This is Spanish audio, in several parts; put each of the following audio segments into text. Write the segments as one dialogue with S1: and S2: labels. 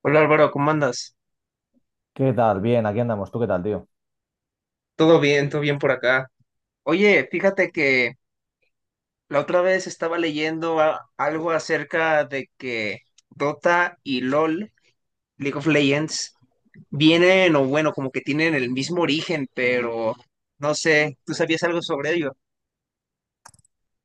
S1: Hola Álvaro, ¿cómo andas?
S2: ¿Qué tal? Bien, aquí andamos. ¿Tú qué tal, tío?
S1: Todo bien por acá. Oye, fíjate que la otra vez estaba leyendo algo acerca de que Dota y LOL, League of Legends, vienen o bueno, como que tienen el mismo origen, pero no sé, ¿tú sabías algo sobre ello?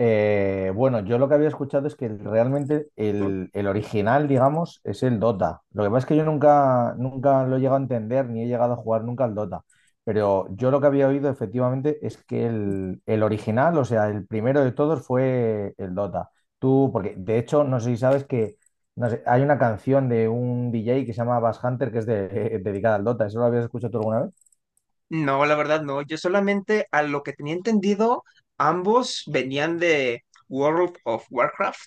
S2: Bueno, yo lo que había escuchado es que realmente el original, digamos, es el Dota. Lo que pasa es que yo nunca lo he llegado a entender ni he llegado a jugar nunca al Dota. Pero yo lo que había oído efectivamente es que el original, o sea, el primero de todos fue el Dota. Tú, porque de hecho, no sé si sabes que no sé, hay una canción de un DJ que se llama Bass Hunter dedicada al Dota. ¿Eso lo habías escuchado tú alguna vez?
S1: No, la verdad no. Yo solamente a lo que tenía entendido, ambos venían de World of Warcraft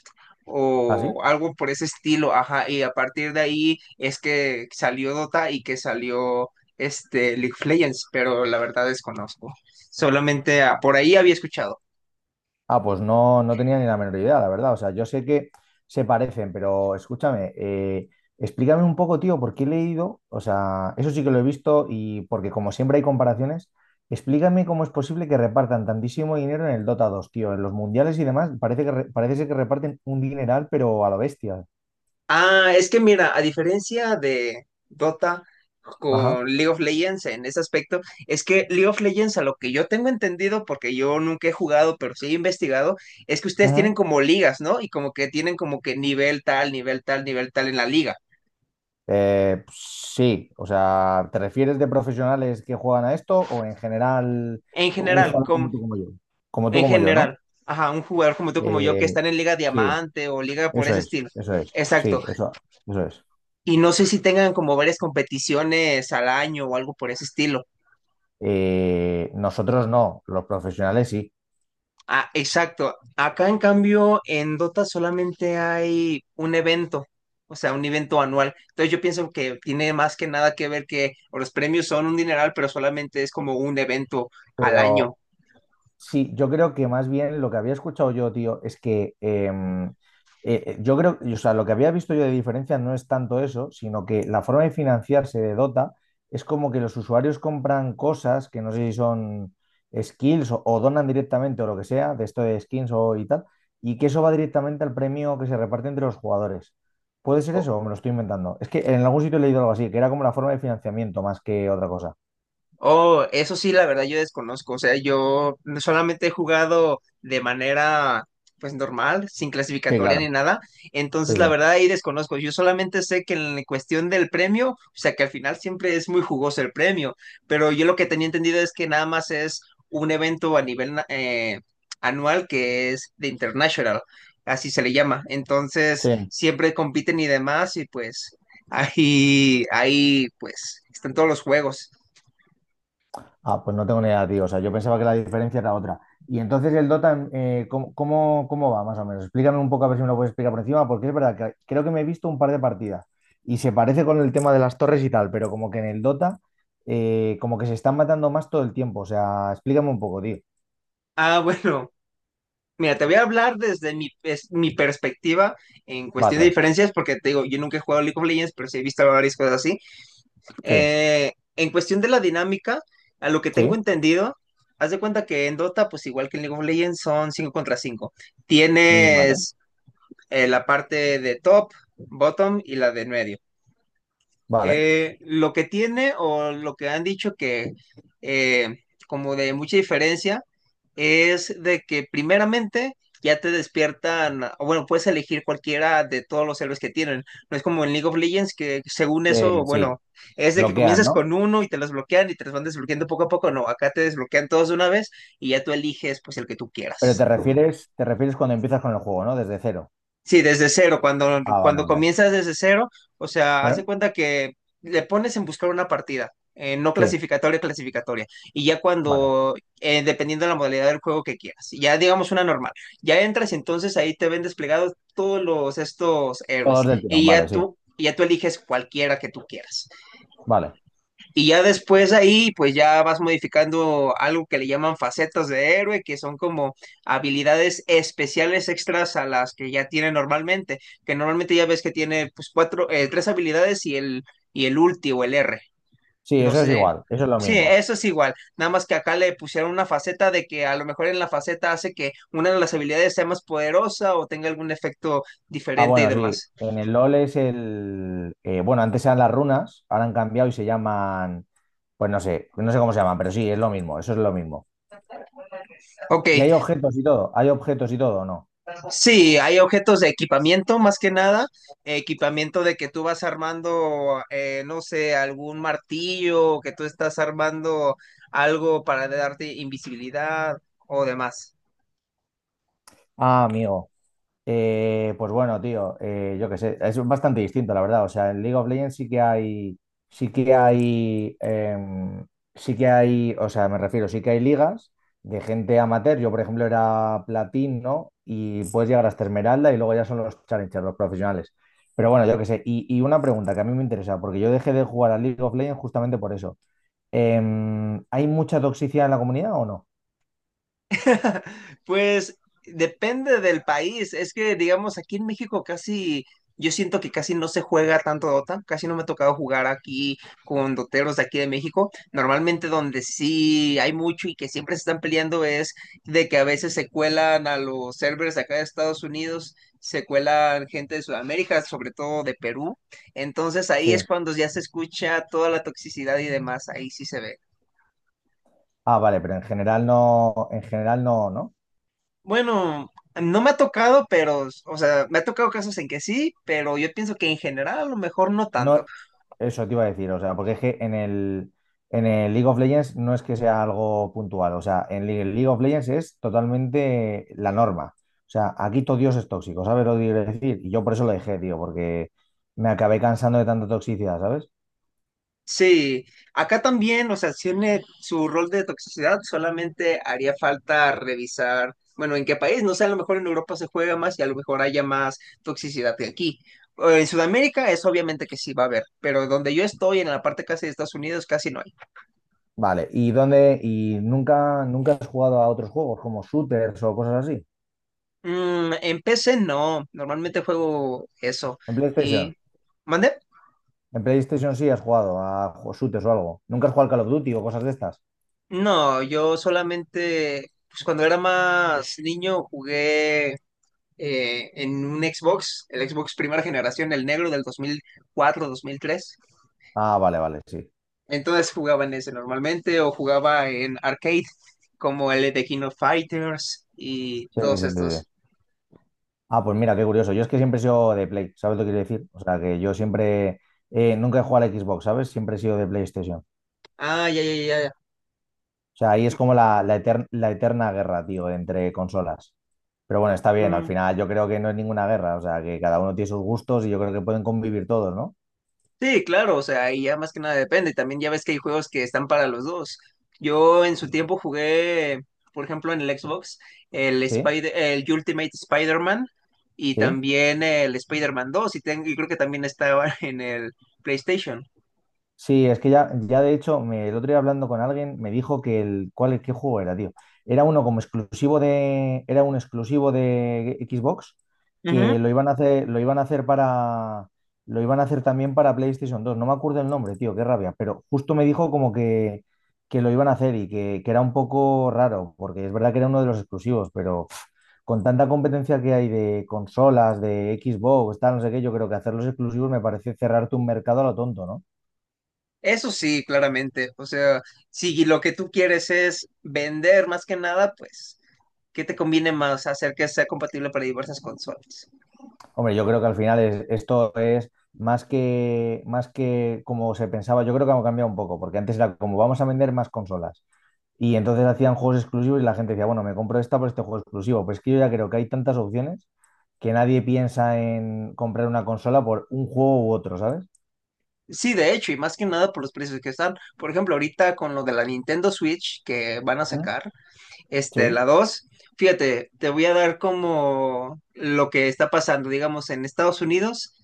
S2: ¿Ah, sí?
S1: o algo por ese estilo, ajá, y a partir de ahí es que salió Dota y que salió este League of Legends, pero la verdad desconozco. Solamente por ahí había escuchado.
S2: Ah, pues no, no tenía ni la menor idea, la verdad. O sea, yo sé que se parecen, pero escúchame, explícame un poco, tío, porque he leído, o sea, eso sí que lo he visto y porque como siempre hay comparaciones, explícame cómo es posible que repartan tantísimo dinero en el Dota dos, tío, en los mundiales y demás, parece que parece ser que reparten un dineral, pero a lo bestia.
S1: Ah, es que mira, a diferencia de Dota con
S2: Ajá.
S1: League of Legends en ese aspecto, es que League of Legends, a lo que yo tengo entendido, porque yo nunca he jugado, pero sí he investigado, es que ustedes tienen
S2: Ujú.
S1: como ligas, ¿no? Y como que tienen como que nivel tal, nivel tal, nivel tal en la liga.
S2: Pues sí, o sea, ¿te refieres de profesionales que juegan a esto o en general
S1: En
S2: un
S1: general,
S2: jugador como
S1: como,
S2: tú como yo? Como tú
S1: en
S2: como yo, ¿no?
S1: general. Ajá, un jugador como tú, como yo, que
S2: Eh,
S1: están en Liga
S2: sí,
S1: Diamante o Liga por ese estilo.
S2: eso es, sí,
S1: Exacto.
S2: eso es.
S1: Y no sé si tengan como varias competiciones al año o algo por ese estilo.
S2: Nosotros no, los profesionales sí,
S1: Ah, exacto. Acá en cambio, en Dota solamente hay un evento, o sea, un evento anual. Entonces yo pienso que tiene más que nada que ver que o los premios son un dineral, pero solamente es como un evento al
S2: pero
S1: año.
S2: sí, yo creo que más bien lo que había escuchado yo, tío, es que yo creo, o sea, lo que había visto yo de diferencia no es tanto eso, sino que la forma de financiarse de Dota es como que los usuarios compran cosas que no sé si son skills o donan directamente o lo que sea, de esto de skins o y tal, y que eso va directamente al premio que se reparte entre los jugadores. ¿Puede ser
S1: O,
S2: eso o me lo estoy inventando? Es que en algún sitio he leído algo así, que era como la forma de financiamiento más que otra cosa.
S1: Oh, eso sí, la verdad yo desconozco. O sea, yo solamente he jugado de manera pues normal, sin
S2: Sí,
S1: clasificatoria
S2: claro.
S1: ni nada.
S2: Sí,
S1: Entonces,
S2: sí.
S1: la verdad ahí desconozco. Yo solamente sé que en cuestión del premio, o sea, que al final siempre es muy jugoso el premio, pero yo lo que tenía entendido es que nada más es un evento a nivel anual que es de International, así se le llama. Entonces,
S2: Sí.
S1: siempre compiten y demás y pues ahí pues están todos los juegos.
S2: Ah, pues no tengo ni idea, tío. O sea, yo pensaba que la diferencia era otra. Y entonces el Dota, cómo va más o menos? Explícame un poco a ver si me lo puedes explicar por encima, porque es verdad que creo que me he visto un par de partidas y se parece con el tema de las torres y tal, pero como que en el Dota, como que se están matando más todo el tiempo. O sea, explícame un poco, tío.
S1: Ah, bueno, mira, te voy a hablar desde mi perspectiva en cuestión de
S2: Vale,
S1: diferencias, porque te digo, yo nunca he jugado League of Legends, pero sí he visto varias cosas así.
S2: sí,
S1: En cuestión de la dinámica, a lo que tengo
S2: sí,
S1: entendido, haz de cuenta que en Dota, pues igual que en League of Legends, son 5 contra 5.
S2: mm, vale,
S1: Tienes la parte de top, bottom y la de en medio.
S2: vale.
S1: Lo que tiene o lo que han dicho que eh, como de mucha diferencia es de que primeramente ya te despiertan, o bueno, puedes elegir cualquiera de todos los héroes que tienen. No es como en League of Legends que según
S2: Que
S1: eso,
S2: sí,
S1: bueno, es de que
S2: bloquean,
S1: comienzas
S2: ¿no?
S1: con uno y te los bloquean y te los van desbloqueando poco a poco. No, acá te desbloquean todos de una vez y ya tú eliges pues el que tú
S2: Pero te
S1: quieras.
S2: refieres, te refieres cuando empiezas con el juego, ¿no? Desde cero.
S1: Sí, desde cero, cuando,
S2: Ah, vale,
S1: cuando
S2: vale.
S1: comienzas desde cero, o sea, haz
S2: ¿Eh?
S1: de cuenta que le pones en buscar una partida, no
S2: Sí,
S1: clasificatoria, clasificatoria, y ya
S2: vale.
S1: cuando, dependiendo de la modalidad del juego que quieras, ya digamos una normal, ya entras y entonces ahí te ven desplegados todos los, estos héroes,
S2: Todos del tirón,
S1: y
S2: vale,
S1: ya
S2: sí.
S1: tú, ya tú eliges cualquiera que tú quieras.
S2: Vale.
S1: Y ya después ahí, pues ya vas modificando algo que le llaman facetas de héroe, que son como habilidades especiales extras a las que ya tiene normalmente, que normalmente ya ves que tiene pues cuatro, tres habilidades y y el ulti o el R.
S2: Sí,
S1: No
S2: eso es
S1: sé.
S2: igual, eso es lo
S1: Sí,
S2: mismo.
S1: eso es igual. Nada más que acá le pusieron una faceta de que a lo mejor en la faceta hace que una de las habilidades sea más poderosa o tenga algún efecto
S2: Ah,
S1: diferente y
S2: bueno, sí,
S1: demás.
S2: en el LOL es el... bueno, antes eran las runas, ahora han cambiado y se llaman... Pues no sé, no sé cómo se llaman, pero sí, es lo mismo, eso es lo mismo.
S1: Ok.
S2: Y hay objetos y todo, hay objetos y todo, ¿o ¿no?
S1: Sí, hay objetos de equipamiento más que nada, equipamiento de que tú vas armando, no sé, algún martillo, que tú estás armando algo para darte invisibilidad o demás.
S2: Ah, amigo. Pues bueno, tío, yo qué sé, es bastante distinto, la verdad. O sea, en League of Legends sí que hay, em, sí que hay, o sea, me refiero, sí que hay ligas de gente amateur. Yo, por ejemplo, era platino y puedes llegar hasta Esmeralda y luego ya son los challengers, los profesionales. Pero bueno, yo qué sé. Y una pregunta que a mí me interesa, porque yo dejé de jugar a League of Legends justamente por eso. ¿Hay mucha toxicidad en la comunidad o no?
S1: Pues depende del país. Es que, digamos, aquí en México casi, yo siento que casi no se juega tanto Dota. Casi no me ha tocado jugar aquí con doteros de aquí de México. Normalmente donde sí hay mucho y que siempre se están peleando es de que a veces se cuelan a los servers de acá de Estados Unidos, se cuelan gente de Sudamérica, sobre todo de Perú. Entonces ahí es
S2: Sí.
S1: cuando ya se escucha toda la toxicidad y demás. Ahí sí se ve.
S2: Ah, vale, pero en general no, ¿no?
S1: Bueno, no me ha tocado, pero, o sea, me ha tocado casos en que sí, pero yo pienso que en general a lo mejor no tanto.
S2: No, eso te iba a decir, o sea, porque es que en el League of Legends no es que sea algo puntual, o sea, en el League of Legends es totalmente la norma. O sea, aquí todo Dios es tóxico, ¿sabes lo que quiero decir? Y yo por eso lo dejé, tío, porque me acabé cansando de tanta toxicidad, ¿sabes?
S1: Sí, acá también, o sea, tiene su rol de toxicidad, solamente haría falta revisar, bueno, en qué país, no sé, a lo mejor en Europa se juega más y a lo mejor haya más toxicidad que aquí. En Sudamérica es obviamente que sí va a haber, pero donde yo estoy, en la parte casi de Estados Unidos, casi no hay.
S2: Vale, ¿y dónde? ¿Y nunca has jugado a otros juegos como shooters o cosas así?
S1: Mm, en PC no, normalmente juego eso.
S2: ¿En PlayStation?
S1: Y... ¿Mande?
S2: ¿En PlayStation sí has jugado a shooters o algo? ¿Nunca has jugado al Call of Duty o cosas de estas?
S1: No, yo solamente, pues cuando era más niño jugué en un Xbox, el Xbox primera generación, el negro del dos mil cuatro, 2003.
S2: Ah, vale, vale, sí.
S1: Entonces jugaba en ese normalmente o jugaba en arcade, como el de King of Fighters y
S2: Sí,
S1: todos
S2: sí, sí, sí.
S1: estos.
S2: Ah, pues mira, qué curioso. Yo es que siempre he sido de Play, ¿sabes lo que quiero decir? O sea, que yo siempre, nunca he jugado a la Xbox, ¿sabes? Siempre he sido de PlayStation. O
S1: Ah, ya, ya, ya,
S2: sea, ahí es como la eterna guerra, tío, entre consolas. Pero bueno, está bien, al
S1: ya.
S2: final yo creo que no es ninguna guerra, o sea, que cada uno tiene sus gustos y yo creo que pueden convivir todos, ¿no?
S1: Sí, claro, o sea, y ya más que nada depende. También ya ves que hay juegos que están para los dos. Yo en su tiempo jugué, por ejemplo, en el Xbox,
S2: Sí,
S1: El Ultimate Spider-Man y
S2: sí.
S1: también el Spider-Man 2 y creo que también estaba en el PlayStation.
S2: Sí, es que ya, ya de hecho, me, el otro día hablando con alguien, me dijo que el, ¿cuál, qué juego era, tío? Era uno como exclusivo de, era un exclusivo de Xbox que lo iban a hacer, lo iban a hacer también para PlayStation 2. No me acuerdo el nombre, tío, qué rabia. Pero justo me dijo como que lo iban a hacer y que era un poco raro, porque es verdad que era uno de los exclusivos, pero pff, con tanta competencia que hay de consolas, de Xbox, tal, no sé qué, yo creo que hacer los exclusivos me parece cerrarte un mercado a lo tonto, ¿no?
S1: Eso sí, claramente. O sea, si lo que tú quieres es vender más que nada, pues, ¿qué te conviene más? Hacer que sea compatible para diversas consolas.
S2: Hombre, yo creo que al final esto es más que como se pensaba, yo creo que ha cambiado un poco, porque antes era como vamos a vender más consolas. Y entonces hacían juegos exclusivos y la gente decía, bueno, me compro esta por este juego exclusivo. Pues es que yo ya creo que hay tantas opciones que nadie piensa en comprar una consola por un juego u otro, ¿sabes?
S1: Sí, de hecho, y más que nada por los precios que están. Por ejemplo, ahorita con lo de la Nintendo Switch que van a
S2: ¿Mm?
S1: sacar, la
S2: Sí,
S1: dos. Fíjate, te voy a dar como lo que está pasando, digamos, en Estados Unidos,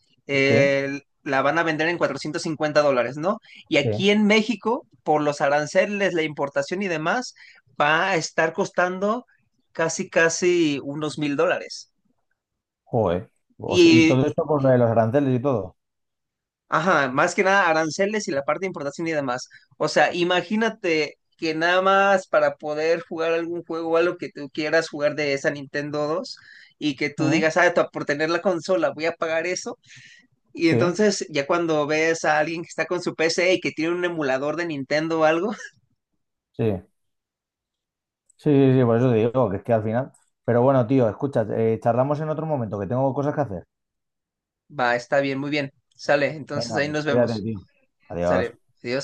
S2: sí,
S1: la van a vender en $450, ¿no? Y
S2: sí.
S1: aquí en México, por los aranceles, la importación y demás, va a estar costando casi, casi unos $1,000.
S2: Joder. Y
S1: Y,
S2: todo esto por lo de los aranceles y todo.
S1: Ajá, más que nada aranceles y la parte de importación y demás. O sea, imagínate que nada más para poder jugar algún juego o algo que tú quieras jugar de esa Nintendo 2 y que tú
S2: Mm,
S1: digas, por tener la consola voy a pagar eso. Y
S2: sí,
S1: entonces ya cuando ves a alguien que está con su PC y que tiene un emulador de Nintendo o algo,
S2: sí. Sí, sí, sí, por eso te digo, que es que al final. Pero bueno, tío, escucha, charlamos en otro momento, que tengo cosas que hacer.
S1: va, está bien, muy bien. Sale, entonces
S2: Venga,
S1: ahí nos
S2: cuídate,
S1: vemos.
S2: tío. Adiós.
S1: Sale, adiós.